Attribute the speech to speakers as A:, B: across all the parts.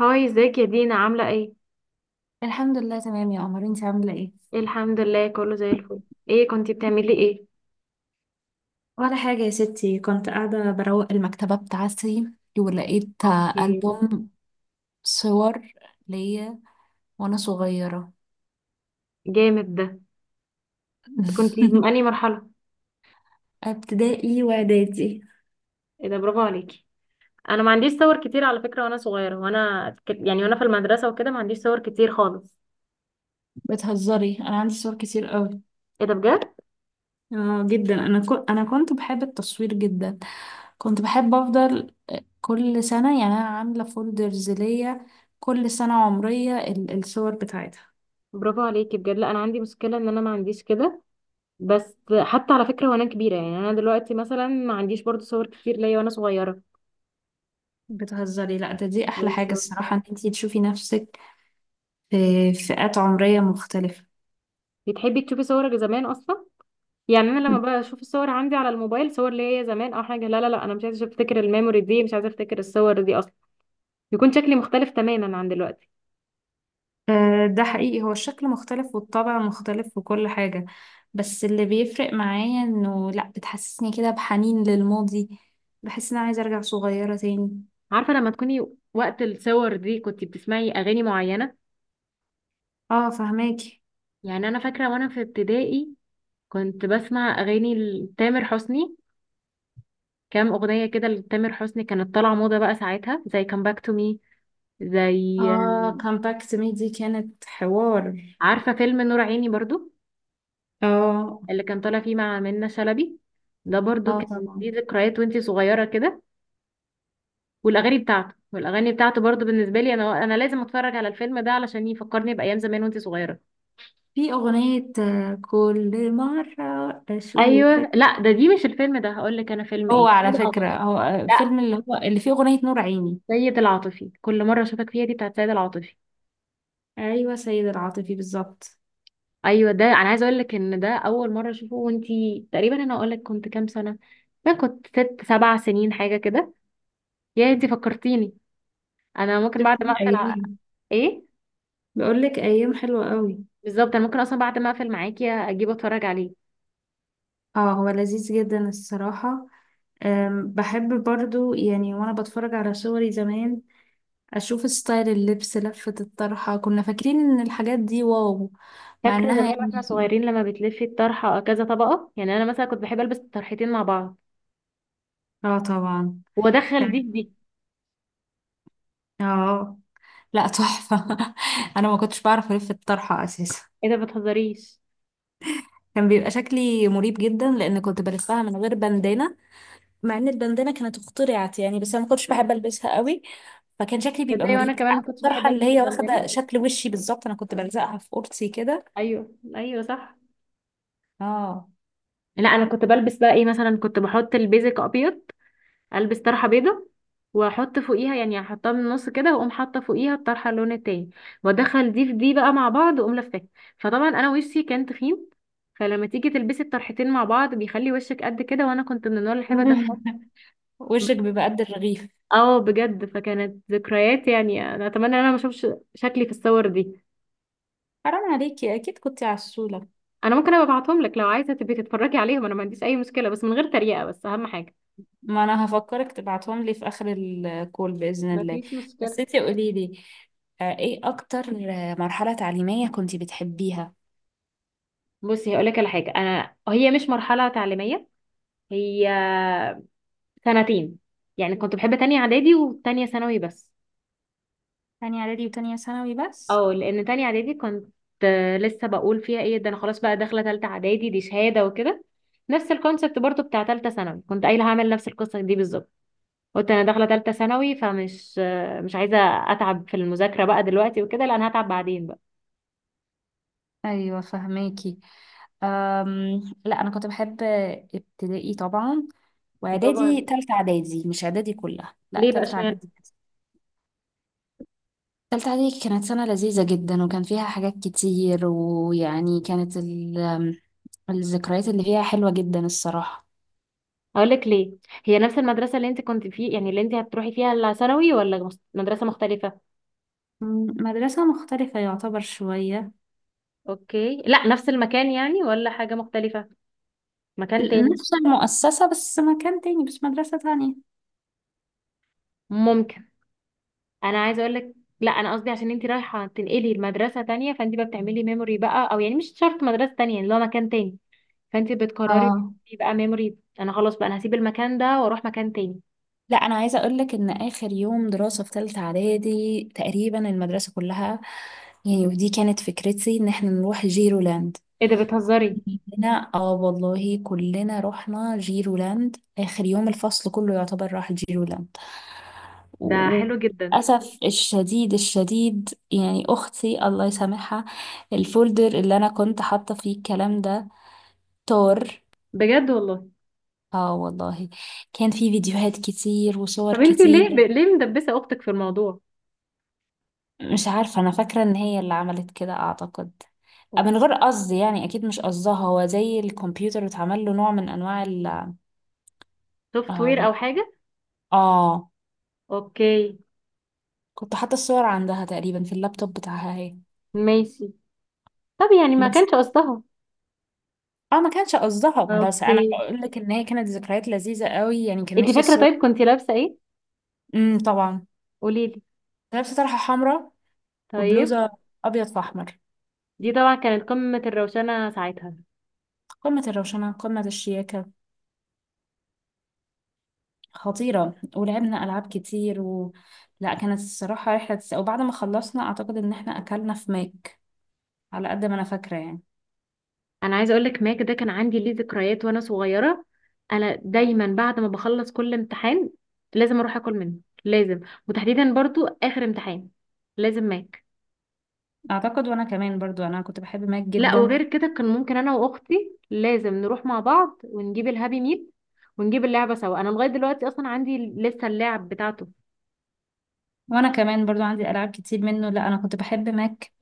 A: هاي، ازيك يا دينا؟ عاملة ايه؟
B: الحمد لله تمام يا قمر، انت عامله ايه؟
A: الحمد لله كله زي الفل. ايه كنتي بتعملي ايه؟
B: ولا حاجه يا ستي، كنت قاعده بروق المكتبه بتاعتي ولقيت
A: اوكي.
B: ألبوم صور ليا وانا صغيره.
A: جامد ده. كنتي في انهي مرحلة؟
B: ابتدائي واعدادي.
A: ايه ده، برافو عليكي. انا ما عنديش صور كتير على فكرة وانا صغيرة وانا وانا في المدرسة وكده ما عنديش صور كتير خالص.
B: بتهزري؟ انا عندي صور كتير قوي.
A: ايه ده بجد؟
B: اه جدا، انا كنت بحب التصوير جدا. كنت بحب افضل كل سنه، يعني انا عامله فولدرز ليا كل سنه عمريه الصور بتاعتها.
A: برافو عليكي بجد. لا انا عندي مشكلة ان انا ما عنديش كده. بس حتى على فكرة وانا كبيرة، يعني انا دلوقتي مثلا ما عنديش برضو صور كتير ليا وانا صغيرة.
B: بتهزري؟ لا، ده دي احلى حاجه
A: بالظبط.
B: الصراحه، ان انتي تشوفي نفسك في فئات عمرية مختلفة.
A: بتحبي تشوفي صورك زمان اصلا؟ يعني انا لما بشوف الصور عندي على الموبايل صور ليا زمان او حاجه، لا لا لا انا مش عايزه افتكر الميموري دي، مش عايزه افتكر الصور دي اصلا. يكون شكلي مختلف تماما عن دلوقتي.
B: ده حقيقي، هو الشكل مختلف والطبع مختلف وكل حاجة. بس اللي بيفرق معايا انه لا، بتحسسني كده بحنين للماضي، بحس ان انا عايزة ارجع صغيرة تاني.
A: عارفه لما تكوني وقت الصور دي كنت بتسمعي اغاني معينه؟
B: اه فهماكي.
A: يعني انا فاكره وانا في ابتدائي كنت بسمع اغاني لتامر حسني. كام اغنيه كده لتامر حسني كانت طالعه موضه بقى ساعتها، زي كام باك تو مي، زي،
B: اه، كامباكت مي دي كانت حوار.
A: عارفه فيلم نور عيني برضو،
B: اه.
A: اللي كان طالع فيه مع منة شلبي؟ ده برضو
B: اه
A: كان
B: طبعا.
A: ليه ذكريات وانتي صغيره كده. والاغاني بتاعته، والاغاني بتاعته برضو بالنسبه لي انا، انا لازم اتفرج على الفيلم ده علشان يفكرني بايام زمان وانت صغيره.
B: في اغنية كل مرة
A: ايوه
B: اشوفك.
A: لا ده دي مش الفيلم ده، هقول لك انا فيلم
B: هو
A: ايه،
B: على
A: سيد
B: فكرة
A: العاطفي.
B: هو
A: لا،
B: فيلم اللي هو اللي فيه اغنية نور عيني.
A: سيد العاطفي، كل مره اشوفك فيها دي بتاعت سيد العاطفي.
B: ايوه، سيد العاطفي بالظبط.
A: ايوه، ده انا عايزه اقول لك ان ده اول مره اشوفه وانت، تقريبا انا اقول لك كنت كام سنه، ما كنت ست سبع سنين حاجه كده. يا انت فكرتيني، انا ممكن
B: شفت
A: بعد ما اقفل
B: ايام؟
A: ايه
B: بقول لك ايام حلوه قوي.
A: بالظبط، انا ممكن اصلا بعد ما اقفل معاكي اجيب اتفرج عليه.
B: اه، هو لذيذ جدا الصراحه. بحب برضو يعني وانا بتفرج على صوري زمان اشوف ستايل اللبس، لفه الطرحه. كنا فاكرين ان الحاجات دي واو. مع
A: فاكرة
B: انها
A: زمان واحنا
B: يعني،
A: صغيرين لما بتلفي الطرحة كذا طبقة؟ يعني انا مثلا كنت بحب البس الطرحتين مع بعض
B: اه طبعا.
A: وادخل دي
B: كان،
A: في دي.
B: اه، لا تحفه. انا ما كنتش بعرف الف الطرحه اساسا.
A: ايه ده، بتهزريش!
B: كان بيبقى شكلي مريب جدا لان كنت بلفها من غير بندانه، مع ان البندانه كانت اخترعت يعني، بس انا ما كنتش بحب البسها قوي. فكان شكلي بيبقى
A: تصدقي وانا
B: مريب.
A: كمان ما
B: عارفه
A: كنتش بحب
B: الطرحه اللي
A: البس
B: هي
A: البندانة.
B: واخده شكل وشي بالظبط؟ انا كنت بلزقها في قرصي كده.
A: ايوه ايوه صح.
B: اه.
A: لا انا كنت بلبس بقى ايه، مثلا كنت بحط البيزك ابيض، البس طرحة بيضة واحط فوقيها، يعني احطها من النص كده واقوم حاطه فوقيها الطرحه اللون التاني، وادخل دي في دي بقى مع بعض واقوم لفاها. فطبعا انا وشي كان تخين، فلما تيجي تلبسي الطرحتين مع بعض بيخلي وشك قد كده، وانا كنت من النوع اللي بحب ادخل.
B: وشك بيبقى قد الرغيف.
A: اه بجد، فكانت ذكريات. يعني انا اتمنى ان انا ما اشوفش شكلي في الصور دي.
B: حرام عليكي، اكيد كنتي عسوله.
A: انا ممكن ابقى ابعتهم لك لو عايزه تبقي تتفرجي عليهم، انا ما عنديش اي مشكله، بس من غير تريقه، بس اهم حاجه.
B: ما انا هفكرك تبعتهم لي في اخر الكول باذن
A: ما
B: الله.
A: فيش
B: بس
A: مشكلة.
B: انتي قولي لي، ايه اكتر مرحله تعليميه كنتي بتحبيها؟
A: بصي هقول لك على حاجه، انا هي مش مرحله تعليميه، هي سنتين، يعني كنت بحب تانية اعدادي وتانية ثانوي بس.
B: تانية اعدادي وتانية ثانوي بس؟
A: اه، لان تانية اعدادي كنت، لسه بقول فيها ايه، ده انا خلاص بقى داخله تالتة اعدادي دي شهاده وكده. نفس الكونسبت برضو بتاع تالتة ثانوي كنت قايله هعمل نفس القصه دي بالظبط. قلت انا داخله ثالثه ثانوي فمش، مش عايزه اتعب في المذاكره بقى دلوقتي وكده، لا انا هتعب بعدين بقى.
B: ايوه فهماكي. لا انا كنت بحب ابتدائي طبعا،
A: برافو
B: واعدادي.
A: عليك.
B: تالتة اعدادي، مش اعدادي كلها، لا
A: ليه بقى؟
B: تالتة
A: اشمعنى؟
B: اعدادي بس. تالتة اعدادي كانت سنة لذيذة جدا، وكان فيها حاجات كتير، ويعني كانت الذكريات اللي فيها حلوة جدا الصراحة.
A: اقول لك ليه. هي نفس المدرسه اللي انت كنت فيه، يعني اللي انت هتروحي فيها الثانوي، ولا مدرسه مختلفه؟
B: مدرسة مختلفة يعتبر شوية.
A: اوكي. لا نفس المكان يعني، ولا حاجة مختلفة، مكان تاني؟
B: نفس المؤسسة، بس مكان تاني، بس مدرسة تانية.
A: ممكن. انا عايزه اقول لك، لا انا قصدي عشان انت رايحه تنقلي لمدرسه تانية، فانت بقى بتعملي ميموري بقى، او يعني مش شرط مدرسه تانية، يعني لو مكان تاني، فانت بتقرري
B: اه.
A: بقى ميموري، انا خلاص بقى انا هسيب المكان ده واروح مكان تاني.
B: لا انا عايزه اقول لك ان اخر يوم دراسه في ثالثه اعدادي تقريبا المدرسه كلها، يعني ودي كانت فكرتي، ان احنا نروح جيرولاند.
A: ايه ده، بتهزري!
B: هنا اه والله، كلنا رحنا جيرولاند اخر يوم، الفصل كله يعتبر راح جيرولاند.
A: ده حلو جدا.
B: وللاسف الشديد الشديد، يعني اختي الله يسامحها، الفولدر اللي انا كنت حاطه فيه الكلام ده طار.
A: بجد والله؟
B: اه والله، كان في فيديوهات كتير وصور
A: طب انتي ليه
B: كتير.
A: ليه مدبسه اختك في الموضوع؟
B: مش عارفة، أنا فاكرة إن هي اللي عملت كده أعتقد، من غير قصد يعني، أكيد مش قصدها، هو زي الكمبيوتر اتعمل له نوع من أنواع ال...
A: سوفت وير
B: آم،
A: او حاجه.
B: آه.
A: اوكي،
B: كنت حاطة الصور عندها تقريبا في اللابتوب بتاعها هي.
A: ماشي. طب يعني ما كانش
B: بس
A: قصدها.
B: آه، ما كانش قصدها. بس أنا
A: اوكي.
B: بقول لك إن هي كانت ذكريات لذيذة قوي، يعني كان
A: انتي
B: نفسي
A: فاكره
B: الصور.
A: طيب كنتي لابسه ايه؟
B: طبعا،
A: قولي لي.
B: لابسة طرحة حمراء
A: طيب.
B: وبلوزة أبيض في أحمر.
A: دي طبعا كانت قمه الروشنه ساعتها.
B: قمة الروشنة، قمة الشياكة، خطيرة. ولعبنا ألعاب كتير لا كانت الصراحة رحلة وبعد ما خلصنا أعتقد إن احنا أكلنا في ماك، على قد ما أنا فاكرة يعني.
A: انا عايزه اقول لك، ماك ده كان عندي ليه ذكريات وانا صغيره. انا دايما بعد ما بخلص كل امتحان لازم اروح اكل منه، لازم، وتحديدا برضو اخر امتحان لازم ماك.
B: أعتقد، وأنا كمان برضو، أنا كنت بحب ماك
A: لا
B: جدا.
A: وغير كده كان ممكن انا واختي لازم نروح مع بعض ونجيب الهابي ميل، ونجيب اللعبه سوا. انا لغايه دلوقتي اصلا عندي لسه اللعب بتاعته.
B: وأنا كمان برضو عندي ألعاب كتير منه. لا أنا كنت بحب ماك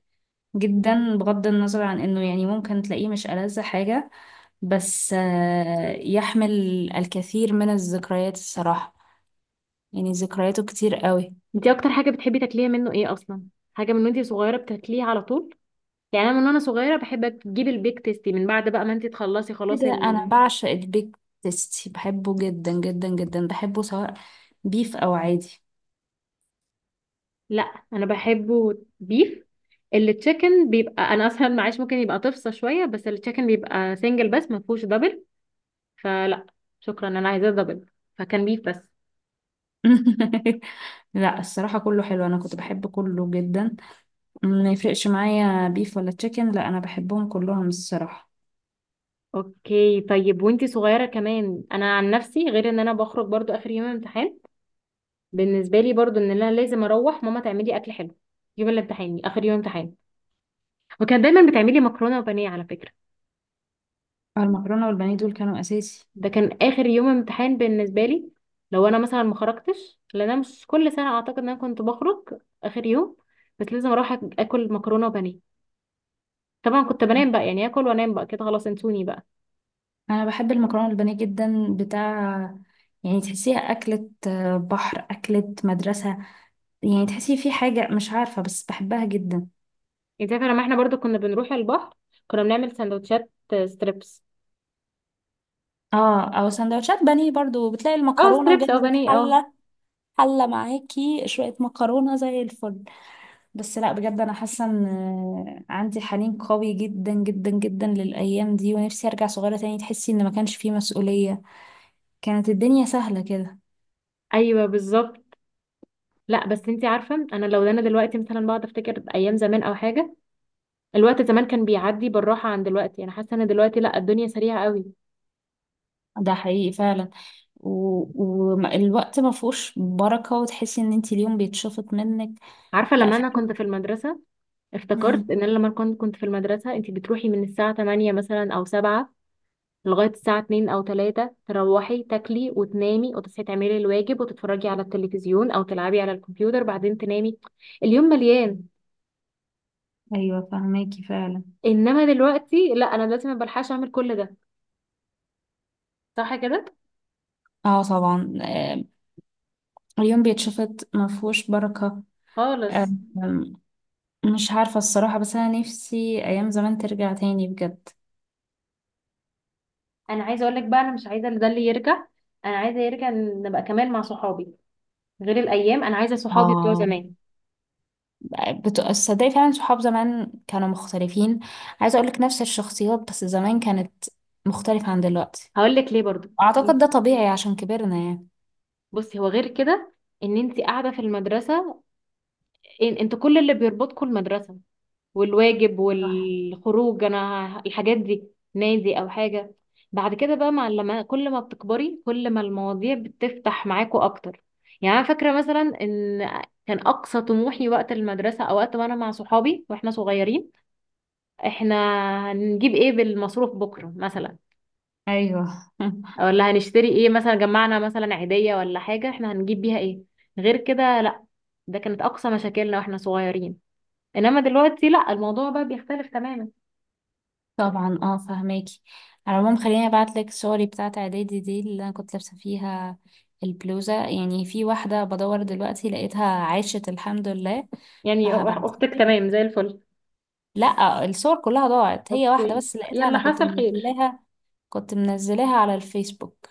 B: جدا، بغض النظر عن إنه يعني ممكن تلاقيه مش ألذ حاجة، بس يحمل الكثير من الذكريات الصراحة، يعني ذكرياته كتير قوي.
A: انتي اكتر حاجه بتحبي تاكليها منه ايه اصلا؟ حاجه من وانتي صغيره بتاكليها على طول. يعني انا من وانا صغيره بحب اجيب البيك تيستي، من بعد بقى ما انتي تخلصي خلاص
B: كده؟ انا بعشق البيك تيستي، بحبه جدا جدا جدا، بحبه سواء بيف او عادي.
A: لا انا بحبه بيف. التشيكن بيبقى انا اصلا معيش، ممكن يبقى تفصى شويه، بس التشيكن بيبقى سنجل بس ما فيهوش دبل، فلا شكرا، انا عايزاه دبل، فكان بيف بس.
B: لا الصراحة كله حلو، انا كنت بحب كله جدا. ما يفرقش معايا بيف ولا تشيكن، لا انا بحبهم كلهم الصراحة.
A: اوكي. طيب وانتي صغيرة كمان، انا عن نفسي غير ان انا بخرج برضو اخر يوم امتحان، بالنسبة لي برضو ان انا لازم اروح ماما تعملي اكل حلو يوم الامتحان، اخر يوم امتحان. وكان دايما بتعملي مكرونة وبانيه على فكرة.
B: المكرونة والبانيه دول كانوا اساسي.
A: ده كان اخر يوم امتحان بالنسبة لي، لو انا مثلا ما خرجتش، لان انا مش كل سنة اعتقد ان انا كنت بخرج اخر يوم، بس لازم اروح اكل مكرونة وبانيه. طبعا كنت بنام بقى، يعني اكل وانام بقى كده خلاص انسوني بقى.
B: انا بحب المكرونة والبانيه جدا بتاع، يعني تحسيها أكلة بحر، أكلة مدرسة، يعني تحسي في حاجة مش عارفة، بس بحبها جدا.
A: انت عارفة لما احنا برضو كنا بنروح البحر، كنا بنعمل سندوتشات ستريبس.
B: اه، او سندوتشات بانيه برضو، بتلاقي
A: اه
B: المكرونة
A: ستريبس او
B: جاهزة في
A: بانيه، اه.
B: حلة، حلة معاكي شوية مكرونة زي الفل. بس لا بجد، أنا حاسة إن عندي حنين قوي جدا جدا جدا للأيام دي، ونفسي أرجع صغيرة تاني. تحسي إن ما كانش فيه مسؤولية، كانت الدنيا سهلة كده.
A: ايوه بالظبط. لا بس انتي عارفه انا، لو ده انا دلوقتي مثلا بقعد افتكر ايام زمان او حاجه، الوقت زمان كان بيعدي بالراحه عن دلوقتي. انا حاسه ان دلوقتي لا، الدنيا سريعه قوي.
B: ده حقيقي فعلا، والوقت ما فيهوش بركة، وتحسي إن انتي اليوم بيتشفط منك.
A: عارفه
B: لا
A: لما
B: في.
A: انا كنت في المدرسه، افتكرت
B: مم.
A: ان انا لما كنت في المدرسه، انتي بتروحي من الساعه 8 مثلا او 7 لغايه الساعه 2 او 3، تروحي تاكلي وتنامي وتصحي تعملي الواجب وتتفرجي على التلفزيون او تلعبي على الكمبيوتر بعدين تنامي. اليوم مليان.
B: أيوة فهماكي فعلا.
A: انما دلوقتي لا، انا دلوقتي ما بلحقش اعمل كل ده، صح كده؟
B: اه طبعا، اليوم بيتشفط، ما فيهوش بركة. آه،
A: خالص.
B: مش عارفة الصراحة، بس أنا نفسي أيام زمان ترجع تاني بجد.
A: انا عايزه اقول لك بقى، انا مش عايزه ده اللي يرجع، انا عايزه يرجع نبقى كمان مع صحابي، غير الايام انا عايزه صحابي بتوع
B: اه،
A: زمان.
B: تصدقي فعلا صحاب زمان كانوا مختلفين. عايزة أقولك، نفس الشخصيات بس زمان كانت مختلفة عن دلوقتي.
A: هقول لك ليه برضو.
B: أعتقد ده طبيعي عشان كبرنا يعني.
A: بصي، هو غير كده ان انت قاعده في المدرسه، إن انت كل اللي بيربطكم المدرسه والواجب
B: صح.
A: والخروج، انا الحاجات دي، نادي او حاجه. بعد كده بقى، مع لما كل ما بتكبري كل ما المواضيع بتفتح معاكوا اكتر. يعني انا فاكره مثلا ان كان اقصى طموحي وقت المدرسه، او وقت ما انا مع صحابي واحنا صغيرين، احنا هنجيب ايه بالمصروف بكره مثلا؟
B: أيوه.
A: أو ولا هنشتري ايه؟ مثلا جمعنا مثلا عيدية ولا حاجة، احنا هنجيب بيها ايه؟ غير كده لا. ده كانت اقصى مشاكلنا واحنا صغيرين، انما دلوقتي لا، الموضوع بقى بيختلف تماما.
B: طبعا، اه فهماكي. على العموم خليني أبعتلك صوري بتاعة إعدادي دي اللي أنا كنت لابسة فيها البلوزة، يعني في واحدة بدور دلوقتي لقيتها، عاشت الحمد لله.
A: يعني
B: فهبعت.
A: اختك تمام زي الفل.
B: لا الصور كلها ضاعت، هي واحدة
A: اوكي.
B: بس لقيتها،
A: يلا،
B: أنا كنت
A: حصل خير.
B: منزلاها. كنت منزلاها على الفيسبوك.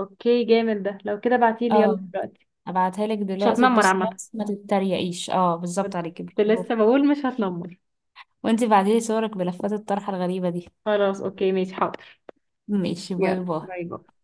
A: اوكي جامد ده، لو كده بعتيلي يلا
B: اه،
A: دلوقتي.
B: ابعتها لك
A: مش
B: دلوقتي،
A: هتنمر
B: تبص
A: عامة،
B: بس ما تتريقيش. اه بالظبط
A: كنت
B: عليكي برافو.
A: لسه بقول مش هتنمر.
B: وانتي بعتيلي صورك بلفات الطرحة الغريبة دي.
A: خلاص اوكي، ماشي حاضر.
B: ماشي، باي
A: يلا،
B: باي.
A: باي باي.